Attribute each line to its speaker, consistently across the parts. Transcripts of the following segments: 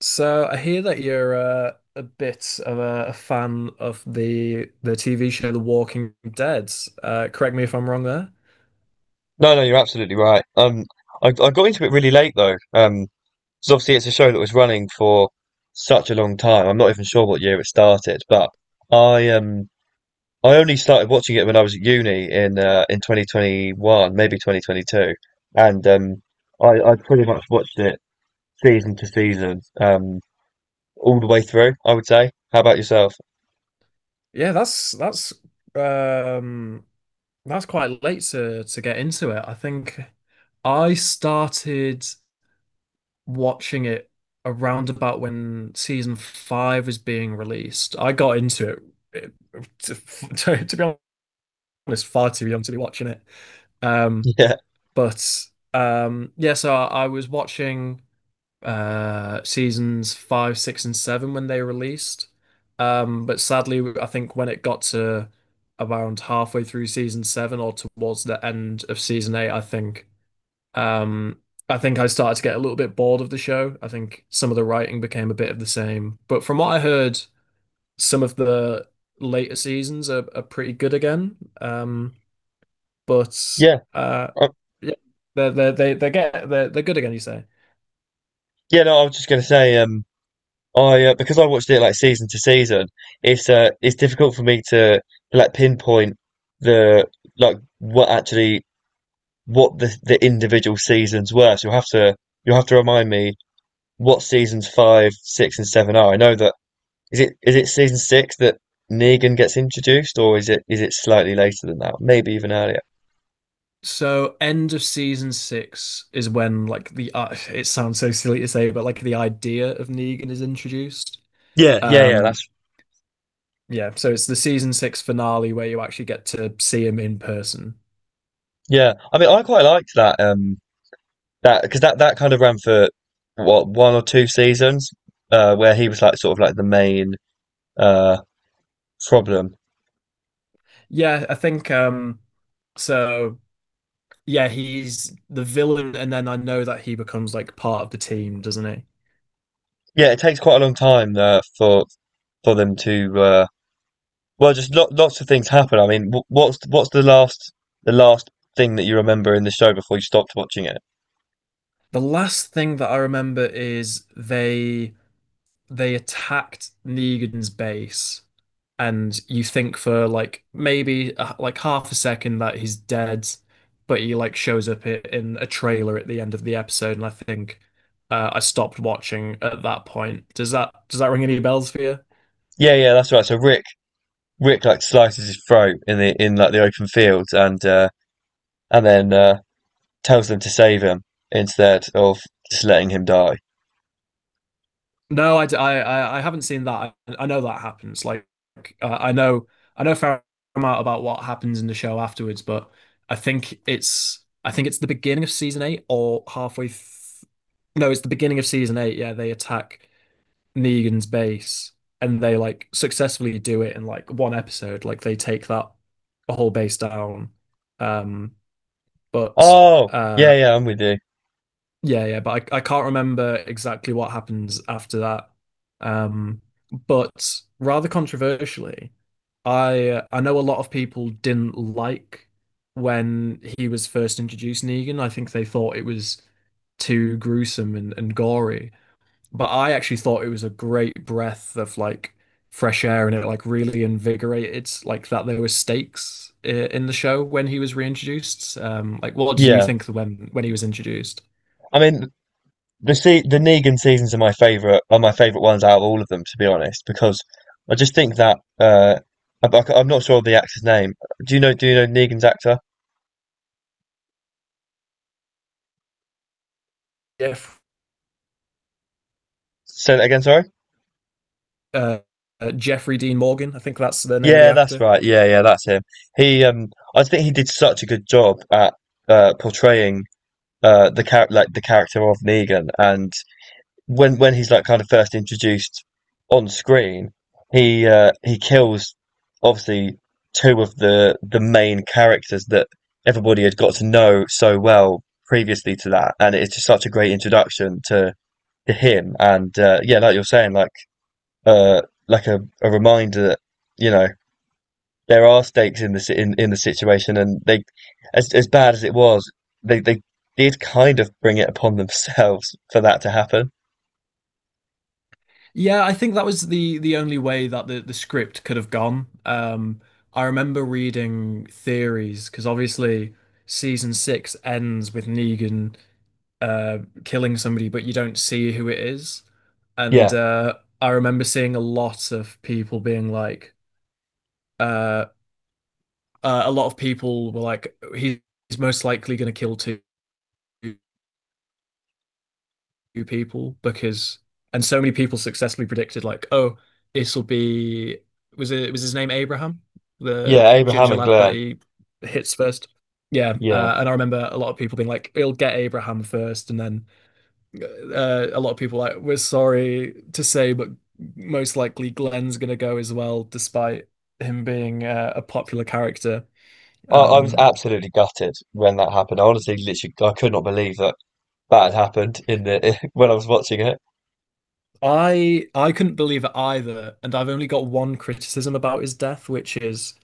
Speaker 1: So I hear that you're a bit of a fan of the TV show The Walking Dead. Correct me if I'm wrong there.
Speaker 2: No, no, you're absolutely right. I got into it really late though. 'Cause obviously it's a show that was running for such a long time. I'm not even sure what year it started, but I I only started watching it when I was at uni in 2021, maybe 2022, and I pretty much watched it season to season, all the way through. I would say. How about yourself?
Speaker 1: Yeah, that's that's um that's quite late to get into it. I think I started watching it around about when season five was being released. I got into it, it- to, to be honest, far too young to be watching it. Um,
Speaker 2: Yeah,
Speaker 1: But Yeah, so I was watching seasons five, six, and seven when they released. But sadly, I think when it got to around halfway through season seven or towards the end of season eight, um, I think I started to get a little bit bored of the show. I think some of the writing became a bit of the same. But from what I heard, some of the later seasons are pretty good again. Um, but
Speaker 2: yeah,
Speaker 1: uh,
Speaker 2: uh,
Speaker 1: yeah, they're they get they're good again. You say
Speaker 2: yeah. No, I was just gonna say. I Because I watched it like season to season, it's difficult for me to like pinpoint the like what actually what the individual seasons were. So you'll have to remind me what seasons five, six, and seven are. I know that is it season six that Negan gets introduced, or is it slightly later than that? Maybe even earlier.
Speaker 1: so. End of season six is when like the it sounds so silly to say, but like the idea of Negan is introduced.
Speaker 2: Yeah, yeah, yeah.
Speaker 1: Um,
Speaker 2: That's
Speaker 1: yeah, so it's the season six finale where you actually get to see him in person.
Speaker 2: yeah. I mean, I quite liked that. That because that kind of ran for what one or two seasons, where he was like sort of like the main uh problem.
Speaker 1: Yeah, I think so. Yeah, he's the villain, and then I know that he becomes like part of the team, doesn't he?
Speaker 2: Yeah, it takes quite a long time for them to well, just lo lots of things happen. I mean, what's the last thing that you remember in the show before you stopped watching it?
Speaker 1: The last thing that I remember is they attacked Negan's base, and you think for like maybe like half a second that he's dead, but he like shows up in a trailer at the end of the episode, and I stopped watching at that point. Does that ring any bells for you?
Speaker 2: Yeah, yeah, that's right. So Rick like slices his throat in the in like the open field and and then tells them to save him instead of just letting him die.
Speaker 1: No, I haven't seen that. I know that happens. Uh, I know, I know a fair amount about what happens in the show afterwards, but I think it's the beginning of season eight or halfway. Th No, it's the beginning of season eight. Yeah, they attack Negan's base and they like successfully do it in like one episode. Like they take that whole base down. Um, but
Speaker 2: Oh yeah,
Speaker 1: uh,
Speaker 2: yeah, I'm with you.
Speaker 1: yeah, yeah, but I can't remember exactly what happens after that. Um, but rather controversially, I know a lot of people didn't like when he was first introduced Negan. I think they thought it was too gruesome and gory. But I actually thought it was a great breath of like fresh air and it like really invigorated like that there were stakes in the show when he was reintroduced. Like what did you
Speaker 2: Yeah,
Speaker 1: think when he was introduced?
Speaker 2: I mean the Negan seasons are my favorite ones out of all of them to be honest because I just think that I'm not sure of the actor's name. Do you know Negan's actor?
Speaker 1: Yeah,
Speaker 2: Say that again, sorry.
Speaker 1: uh, Jeffrey Dean Morgan. I think that's the name of the
Speaker 2: Yeah, that's
Speaker 1: actor.
Speaker 2: right. Yeah, yeah, that's him. He I think he did such a good job at portraying like the character of Negan, and when he's like kind of first introduced on screen, he kills, obviously, two of the main characters that everybody had got to know so well previously to that, and it's just such a great introduction to him. And yeah, like you're saying, uh like a reminder that you know there are stakes in in the situation, and they, as bad as it was, they did kind of bring it upon themselves for that to happen.
Speaker 1: Yeah, I think that was the only way that the script could have gone. I remember reading theories because obviously season six ends with Negan killing somebody, but you don't see who it is. And
Speaker 2: Yeah,
Speaker 1: I remember seeing a lot of people being like, uh, a lot of people were like, he's most likely going to kill two people because and so many people successfully predicted like, oh, this will be was his name Abraham, the
Speaker 2: yeah, Abraham
Speaker 1: ginger
Speaker 2: and
Speaker 1: lad that
Speaker 2: Glenn.
Speaker 1: he hits first. Yeah,
Speaker 2: Yeah,
Speaker 1: and I remember a lot of people being like, "It'll get Abraham first, and then a lot of people like, "We're sorry to say, but most likely Glenn's gonna go as well, despite him being a popular character."
Speaker 2: I was
Speaker 1: Um,
Speaker 2: absolutely gutted when that happened. I honestly, literally, I could not believe that that had happened in the when I was watching it.
Speaker 1: I couldn't believe it either, and I've only got one criticism about his death, which is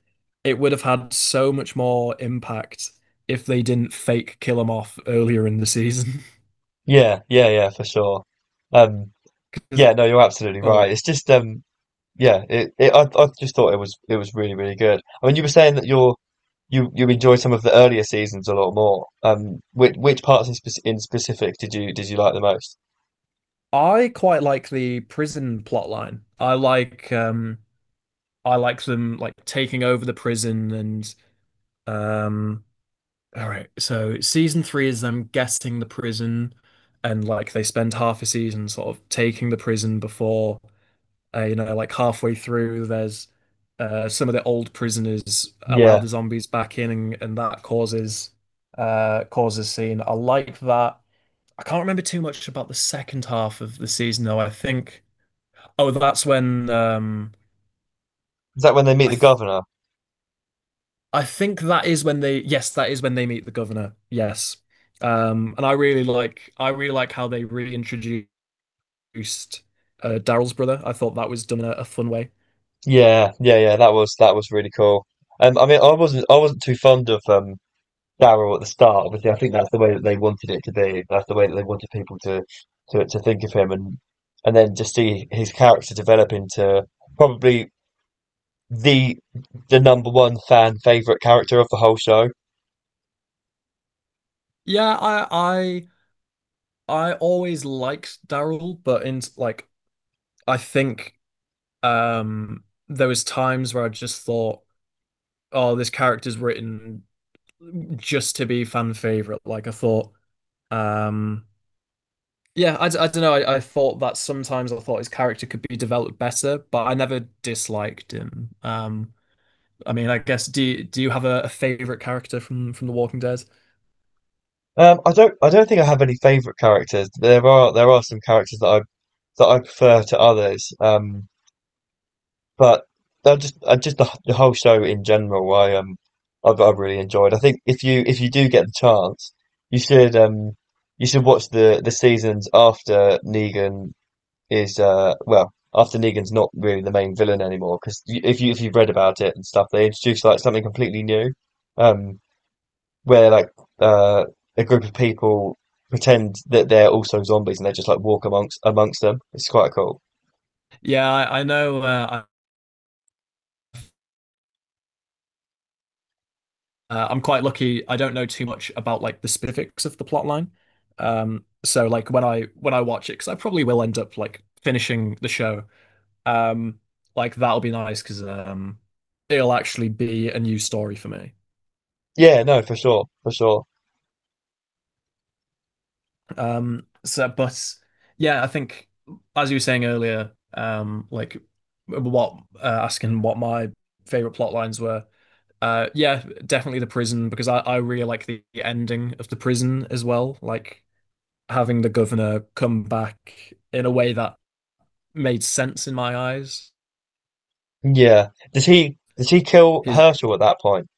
Speaker 1: it would have had so much more impact if they didn't fake kill him off earlier in the season.
Speaker 2: Yeah, yeah, yeah, for sure. Um,
Speaker 1: 'Cause-
Speaker 2: yeah, no, you're absolutely right.
Speaker 1: Well,
Speaker 2: It's just Yeah, it I just thought it was really really good. I mean, you were saying that you you enjoyed some of the earlier seasons a lot more. Which parts in, spec in specific did you like the most?
Speaker 1: I quite like the prison plotline. I like um I like them like taking over the prison and um all right, so season three is them guessing the prison and like they spend half a season sort of taking the prison before you know, like halfway through, there's some of the old prisoners allow
Speaker 2: Yeah,
Speaker 1: the zombies back in, and that causes causes scene. I like that. I can't remember too much about the second half of the season, though. Oh, that's when um,
Speaker 2: is that when they meet
Speaker 1: I
Speaker 2: the
Speaker 1: th
Speaker 2: governor?
Speaker 1: I think that is when they yes, that is when they meet the governor. Yes, and I really like how they reintroduced Daryl's brother. I thought that was done in a fun way.
Speaker 2: Yeah, yeah, yeah. That was really cool. I mean, I wasn't too fond of Daryl at the start. Obviously, I think that's the way that they wanted it to be. That's the way that they wanted people to to think of him, and then just see his character develop into probably, the the number one fan favorite character of the whole show.
Speaker 1: Yeah, I I always liked Daryl, but in like I think there was times where I just thought, oh, this character's written just to be fan favorite. Um yeah, I don't know. I thought that sometimes I thought his character could be developed better, but I never disliked him. I mean, I guess do you have a favorite character from The Walking Dead?
Speaker 2: I don't think I have any favorite characters. There are some characters that I prefer to others. But I just the whole show in general I I've really enjoyed. I think if you do get the chance, you should um you should watch the seasons after Negan is well after Negan's not really the main villain anymore, because if you if you've read about it and stuff, they introduce like something completely new, um where like uh a group of people pretend that they're also zombies and they just like walk amongst them. It's quite cool.
Speaker 1: Yeah, I know. I'm quite lucky. I don't know too much about like the specifics of the plot line. So like when I watch it, because I probably will end up like finishing the show. Um, like that'll be nice because it'll actually be a new story for me.
Speaker 2: Yeah, no, for sure, for sure.
Speaker 1: But yeah, I think as you were saying earlier, like what asking what my favorite plot lines were. Yeah, definitely the prison because I really like the ending of the prison as well. Like having the governor come back in a way that made sense in my eyes.
Speaker 2: Yeah, does he kill
Speaker 1: His
Speaker 2: Herschel at that point?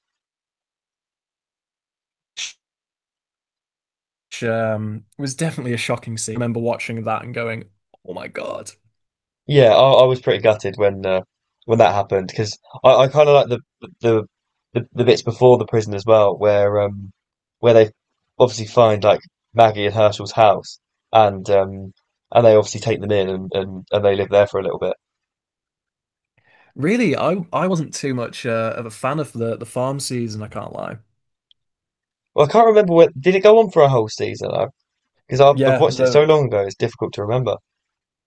Speaker 1: Was definitely a shocking scene. I remember watching that and going, "Oh my God!"
Speaker 2: Yeah, I was pretty gutted when that happened because I kind of like the the bits before the prison as well, where they obviously find like Maggie and Herschel's house, and and they obviously take them in, and they live there for a little bit.
Speaker 1: Really, I wasn't too much of a fan of the farm season. I can't lie.
Speaker 2: Well, I can't remember, what did it go on for a whole season? Because I've
Speaker 1: Yeah,
Speaker 2: watched it so
Speaker 1: the
Speaker 2: long ago, it's difficult to remember.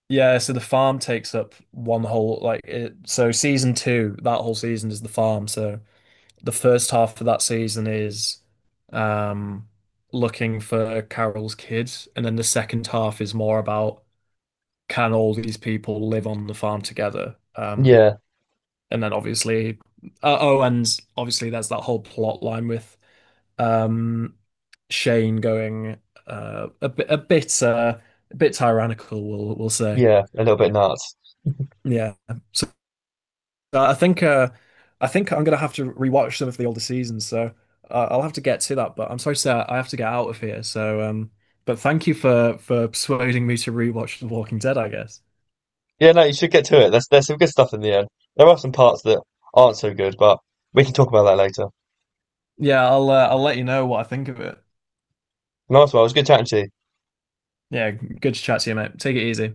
Speaker 1: yeah. So the farm takes up one whole like it. So season two, that whole season is the farm. So the first half of that season is um, looking for Carol's kids, and then the second half is more about can all these people live on the farm together?
Speaker 2: Yeah,
Speaker 1: And then obviously, oh, and obviously there's that whole plot line with um, Shane going uh, a bit, a bit, uh, a bit tyrannical, we'll say.
Speaker 2: yeah, a little bit nuts.
Speaker 1: Yeah, so Uh, I think uh, I think I'm gonna have to rewatch some of the older seasons, so I'll have to get to that. But I'm sorry, sir, I have to get out of here. But thank you for persuading me to rewatch The Walking Dead, I guess.
Speaker 2: Yeah, no, you should get to it. There's some good stuff in the end. There are some parts that aren't so good, but we can talk about that later.
Speaker 1: Yeah, I'll let you know what I think of it.
Speaker 2: Nice one. It was good chatting to you.
Speaker 1: Yeah, good to chat to you, mate. Take it easy.